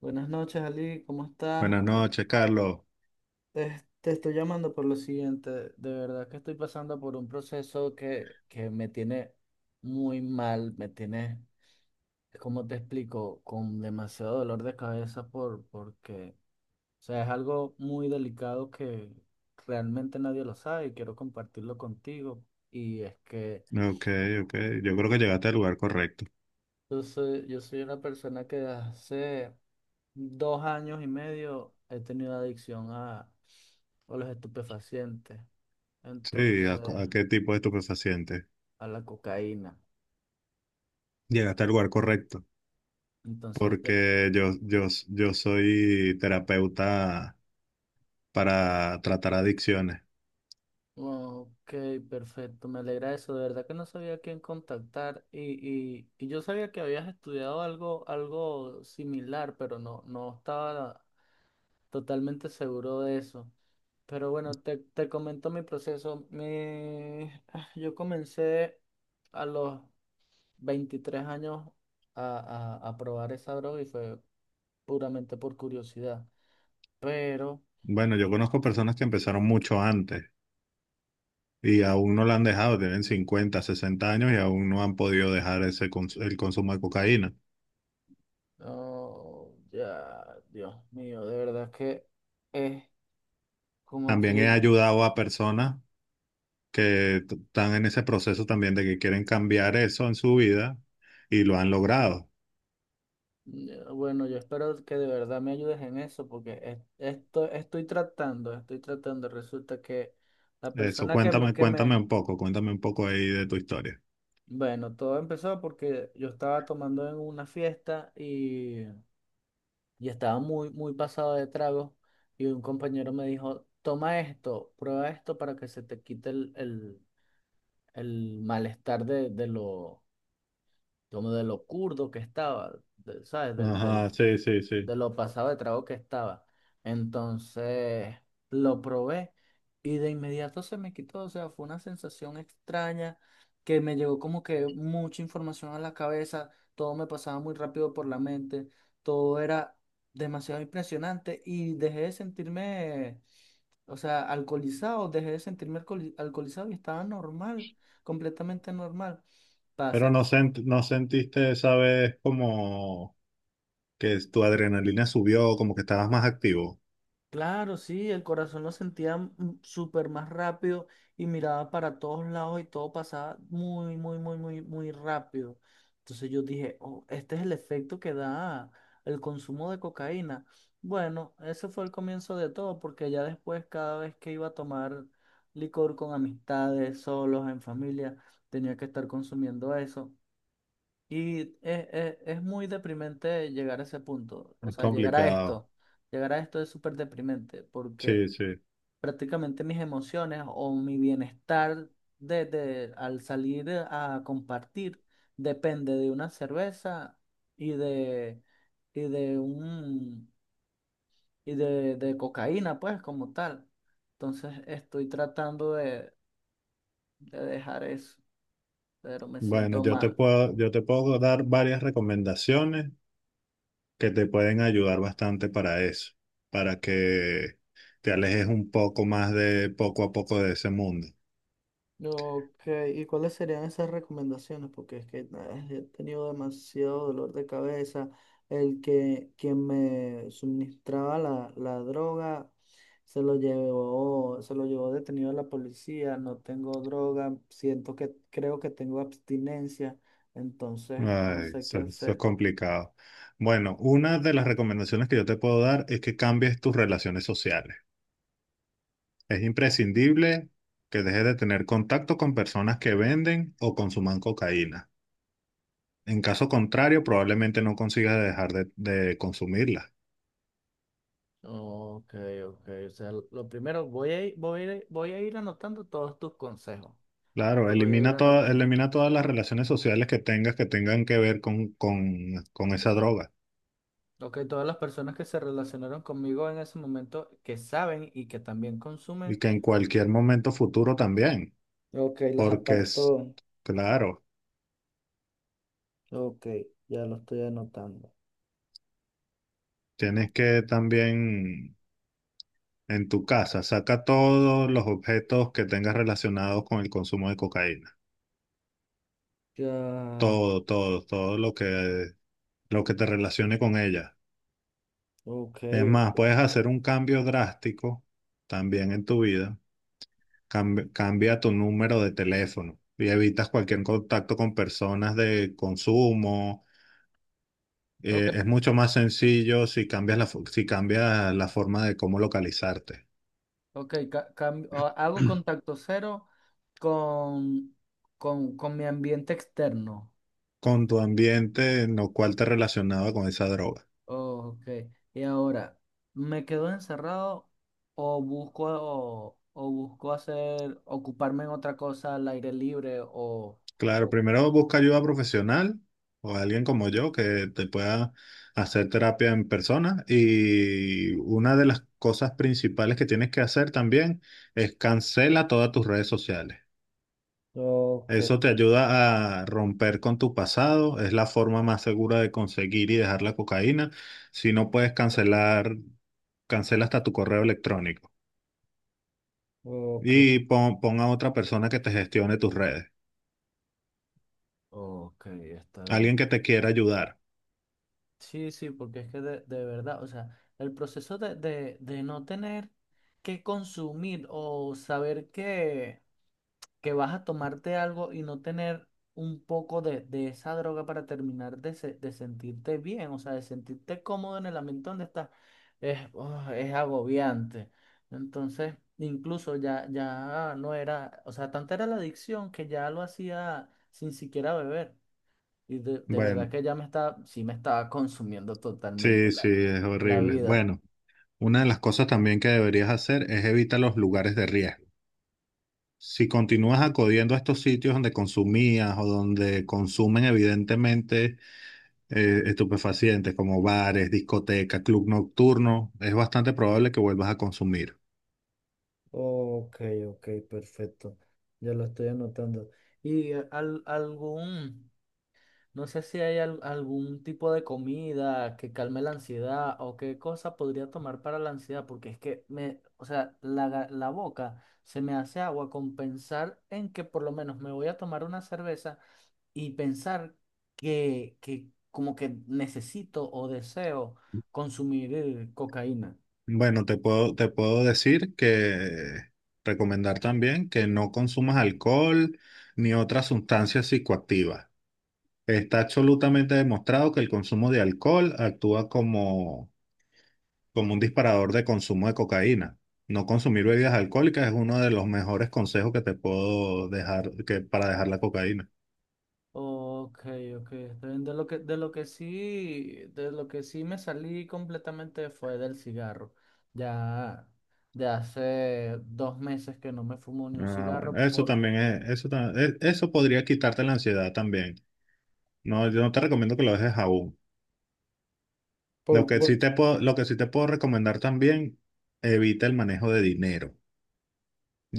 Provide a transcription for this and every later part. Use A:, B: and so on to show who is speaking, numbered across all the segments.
A: Buenas noches, Ali, ¿cómo estás?
B: Buenas noches, Carlos.
A: Te estoy llamando por lo siguiente. De verdad que estoy pasando por un proceso que me tiene muy mal, me tiene, como te explico, con demasiado dolor de cabeza porque, o sea, es algo muy delicado que realmente nadie lo sabe y quiero compartirlo contigo. Y es que
B: Ok, ok. Yo creo que llegaste al lugar correcto.
A: Yo soy una persona que hace 2 años y medio he tenido adicción a los estupefacientes,
B: Sí, ¿a,
A: entonces
B: cu- a qué tipo de estupefaciente?
A: a la cocaína.
B: Llegaste al lugar correcto,
A: Entonces,
B: porque yo soy terapeuta para tratar adicciones.
A: ok, perfecto, me alegra eso. De verdad que no sabía a quién contactar y yo sabía que habías estudiado algo similar, pero no estaba totalmente seguro de eso. Pero bueno, te comento mi proceso. Yo comencé a los 23 años a probar esa droga y fue puramente por curiosidad. Pero,
B: Bueno, yo conozco personas que empezaron mucho antes y aún no la han dejado, tienen 50, 60 años y aún no han podido dejar el consumo de cocaína.
A: oh, ya, Dios mío, de verdad que es, como te
B: También he
A: digo.
B: ayudado a personas que están en ese proceso también de que quieren cambiar eso en su vida y lo han logrado.
A: Ya, bueno, yo espero que de verdad me ayudes en eso porque esto, estoy tratando. Resulta que la
B: Eso,
A: persona que me,
B: cuéntame,
A: que me,
B: cuéntame un poco ahí de tu historia.
A: bueno, todo empezó porque yo estaba tomando en una fiesta y estaba muy, muy pasado de trago, y un compañero me dijo: "Toma esto, prueba esto para que se te quite el malestar de lo, como de lo curdo que estaba, ¿sabes? Del,
B: Ajá,
A: del,
B: sí, sí, sí.
A: de lo pasado de trago que estaba." Entonces lo probé y de inmediato se me quitó. O sea, fue una sensación extraña, que me llegó como que mucha información a la cabeza. Todo me pasaba muy rápido por la mente. Todo era demasiado impresionante y dejé de sentirme, o sea, alcoholizado. Dejé de sentirme alcoholizado y estaba normal, completamente normal.
B: Pero
A: Pásalos.
B: no sentiste esa vez como que tu adrenalina subió, como que estabas más activo.
A: Claro, sí, el corazón lo sentía súper más rápido, y miraba para todos lados y todo pasaba muy, muy, muy, muy, muy rápido. Entonces yo dije: "Oh, este es el efecto que da el consumo de cocaína." Bueno, ese fue el comienzo de todo, porque ya después, cada vez que iba a tomar licor con amistades, solos, en familia, tenía que estar consumiendo eso. Y es muy deprimente llegar a ese punto, o
B: Es
A: sea, llegar a
B: complicado.
A: esto. Llegar a esto es súper deprimente porque
B: Sí, sí.
A: prácticamente mis emociones o mi bienestar de, al salir a compartir, depende de una cerveza y de, y de un, y de cocaína, pues, como tal. Entonces estoy tratando de dejar eso, pero me
B: Bueno,
A: siento
B: yo te
A: mal.
B: puedo, yo te puedo dar varias recomendaciones, que te pueden ayudar bastante para eso, para que te alejes un poco más de poco a poco de ese mundo.
A: Ok, ¿y cuáles serían esas recomendaciones? Porque es que he tenido demasiado dolor de cabeza. El que Quien me suministraba la droga, se lo llevó detenido la policía. No tengo droga, siento que creo que tengo abstinencia, entonces no
B: Ay,
A: sé qué
B: eso es
A: hacer.
B: complicado. Bueno, una de las recomendaciones que yo te puedo dar es que cambies tus relaciones sociales. Es imprescindible que dejes de tener contacto con personas que venden o consuman cocaína. En caso contrario, probablemente no consigas dejar de consumirla.
A: Ok, ok. O sea, lo primero, voy a ir, voy a ir, voy a ir anotando todos tus consejos.
B: Claro,
A: Los voy a ir anotando.
B: elimina todas las relaciones sociales que tengas que tengan que ver con esa droga,
A: Ok, todas las personas que se relacionaron conmigo en ese momento, que saben y que también
B: y
A: consumen.
B: que en cualquier momento futuro también,
A: Ok, las
B: porque es,
A: aparto.
B: claro,
A: Ok, ya lo estoy anotando.
B: tienes que también en tu casa saca todos los objetos que tengas relacionados con el consumo de cocaína,
A: Ya,
B: todo lo que te relacione con ella.
A: ok,
B: Es
A: ok.
B: más, puedes hacer un cambio drástico también en tu vida. Cambia tu número de teléfono y evitas cualquier contacto con personas de consumo.
A: Ok,
B: Es mucho más sencillo si cambias si cambias la forma de cómo localizarte
A: ok, hago contacto cero con, con mi ambiente externo.
B: con tu ambiente en lo cual te relacionaba con esa droga.
A: Ok, y ahora, ¿me quedo encerrado o busco hacer, ocuparme en otra cosa al aire libre,
B: Claro,
A: o-
B: primero busca ayuda profesional o alguien como yo que te pueda hacer terapia en persona. Y una de las cosas principales que tienes que hacer también es cancela todas tus redes sociales.
A: ok?
B: Eso te ayuda a romper con tu pasado, es la forma más segura de conseguir y dejar la cocaína. Si no puedes cancelar, cancela hasta tu correo electrónico
A: Ok.
B: y pon a otra persona que te gestione tus redes,
A: Ok, está bien.
B: alguien que te quiera ayudar.
A: Sí, sí, porque es que de verdad, o sea, el proceso de no tener que consumir o saber que vas a tomarte algo y no tener un poco de esa droga para terminar de sentirte bien, o sea, de sentirte cómodo en el ambiente donde estás, es agobiante. Entonces, incluso ya no era, o sea, tanta era la adicción que ya lo hacía sin siquiera beber. Y de verdad
B: Bueno,
A: que sí me estaba consumiendo totalmente
B: sí, sí,
A: la,
B: es
A: la
B: horrible.
A: vida.
B: Bueno, una de las cosas también que deberías hacer es evitar los lugares de riesgo. Si continúas acudiendo a estos sitios donde consumías o donde consumen evidentemente estupefacientes como bares, discotecas, club nocturno, es bastante probable que vuelvas a consumir.
A: Ok, ok, perfecto. Ya lo estoy anotando. Y eh, al- algún, no sé si hay algún tipo de comida que calme la ansiedad, o qué cosa podría tomar para la ansiedad, porque es que me, o sea, la boca se me hace agua con pensar en que por lo menos me voy a tomar una cerveza, y pensar que como que necesito o deseo consumir cocaína.
B: Bueno, te puedo decir que recomendar también que no consumas alcohol ni otras sustancias psicoactivas. Está absolutamente demostrado que el consumo de alcohol actúa como, como un disparador de consumo de cocaína. No consumir bebidas alcohólicas es uno de los mejores consejos que te puedo dejar, que, para dejar la cocaína.
A: Ok, ok. De lo que sí me salí completamente fue del cigarro. Ya de hace 2 meses que no me fumo ni un
B: Ah, bueno,
A: cigarro
B: eso
A: porque...
B: también es, eso podría quitarte la ansiedad también. No, yo no te recomiendo que lo dejes aún.
A: Por,
B: Lo que
A: por-
B: sí te puedo, lo que sí te puedo recomendar también, evita el manejo de dinero.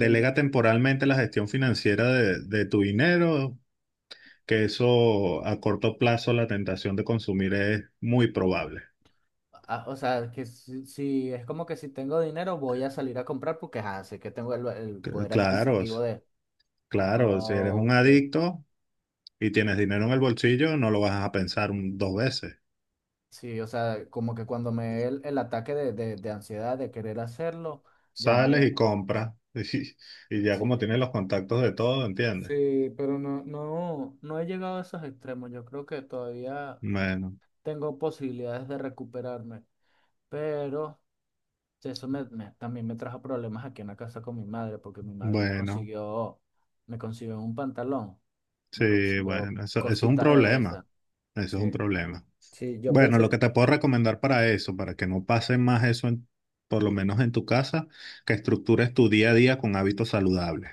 A: del no-
B: temporalmente la gestión financiera de tu dinero, que eso a corto plazo la tentación de consumir es muy probable.
A: o sea, que si, es como que si tengo dinero voy a salir a comprar porque sé que tengo el
B: C-
A: poder
B: Claro, s-
A: adquisitivo de...
B: claro, si eres un
A: Ok.
B: adicto y tienes dinero en el bolsillo, no lo vas a pensar dos veces.
A: Sí, o sea, como que cuando me dé el ataque de ansiedad de querer hacerlo, ya
B: Sales y
A: me...
B: compras. Y, y ya como
A: Sí,
B: tienes los contactos de todo, ¿entiendes?
A: sí, pero no he llegado a esos extremos. Yo creo que todavía
B: Bueno,
A: tengo posibilidades de recuperarme, pero eso también me trajo problemas aquí en la casa con mi madre, porque mi madre me
B: bueno,
A: consiguió, me consiguió un pantalón, me
B: sí,
A: consiguió
B: bueno, eso es un
A: cositas de
B: problema.
A: esas.
B: Eso es un
A: Sí,
B: problema.
A: sí, yo
B: Bueno, lo
A: pensé...
B: que te puedo recomendar para eso, para que no pase más eso, por lo menos en tu casa, que estructures tu día a día con hábitos saludables.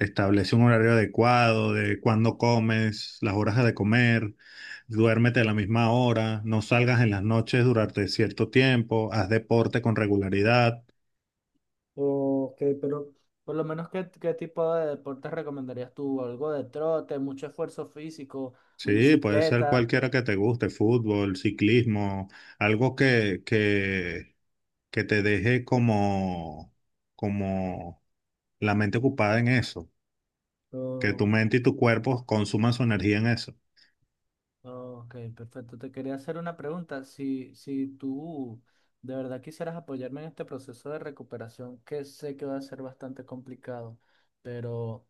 B: Establece un horario adecuado de cuándo comes, las horas de comer, duérmete a la misma hora, no salgas en las noches durante cierto tiempo, haz deporte con regularidad.
A: Ok, pero por lo menos, ¿qué tipo de deportes recomendarías tú? ¿Algo de trote, mucho esfuerzo físico,
B: Sí, puede ser
A: bicicleta?
B: cualquiera que te guste, fútbol, ciclismo, algo que, que te deje como, como la mente ocupada en eso, que tu
A: Oh,
B: mente y tu cuerpo consuman su energía en eso.
A: oh, ok, perfecto. Te quería hacer una pregunta. Si tú de verdad quisieras apoyarme en este proceso de recuperación, que sé que va a ser bastante complicado, pero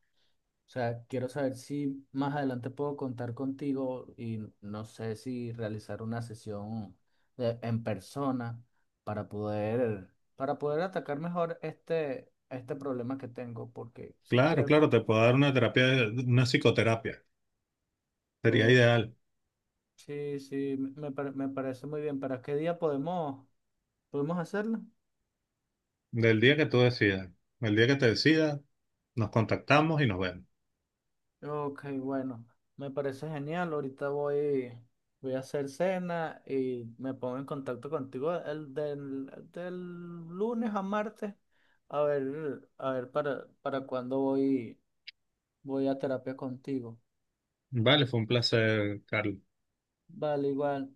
A: o sea, quiero saber si más adelante puedo contar contigo, y no sé si realizar una sesión en persona para poder, para poder, atacar mejor este problema que tengo, porque sí
B: Claro,
A: creo que...
B: claro, te puedo dar una terapia, una psicoterapia, sería
A: Oh,
B: ideal.
A: sí, sí, me parece muy bien. ¿Para qué día podemos hacerlo?
B: Del día que tú decidas, el día que te decidas, nos contactamos y nos vemos.
A: Ok, bueno, me parece genial. Ahorita voy a hacer cena y me pongo en contacto contigo del lunes a martes a ver para cuándo voy a terapia contigo.
B: Vale, fue un placer, Carlos.
A: Vale, igual.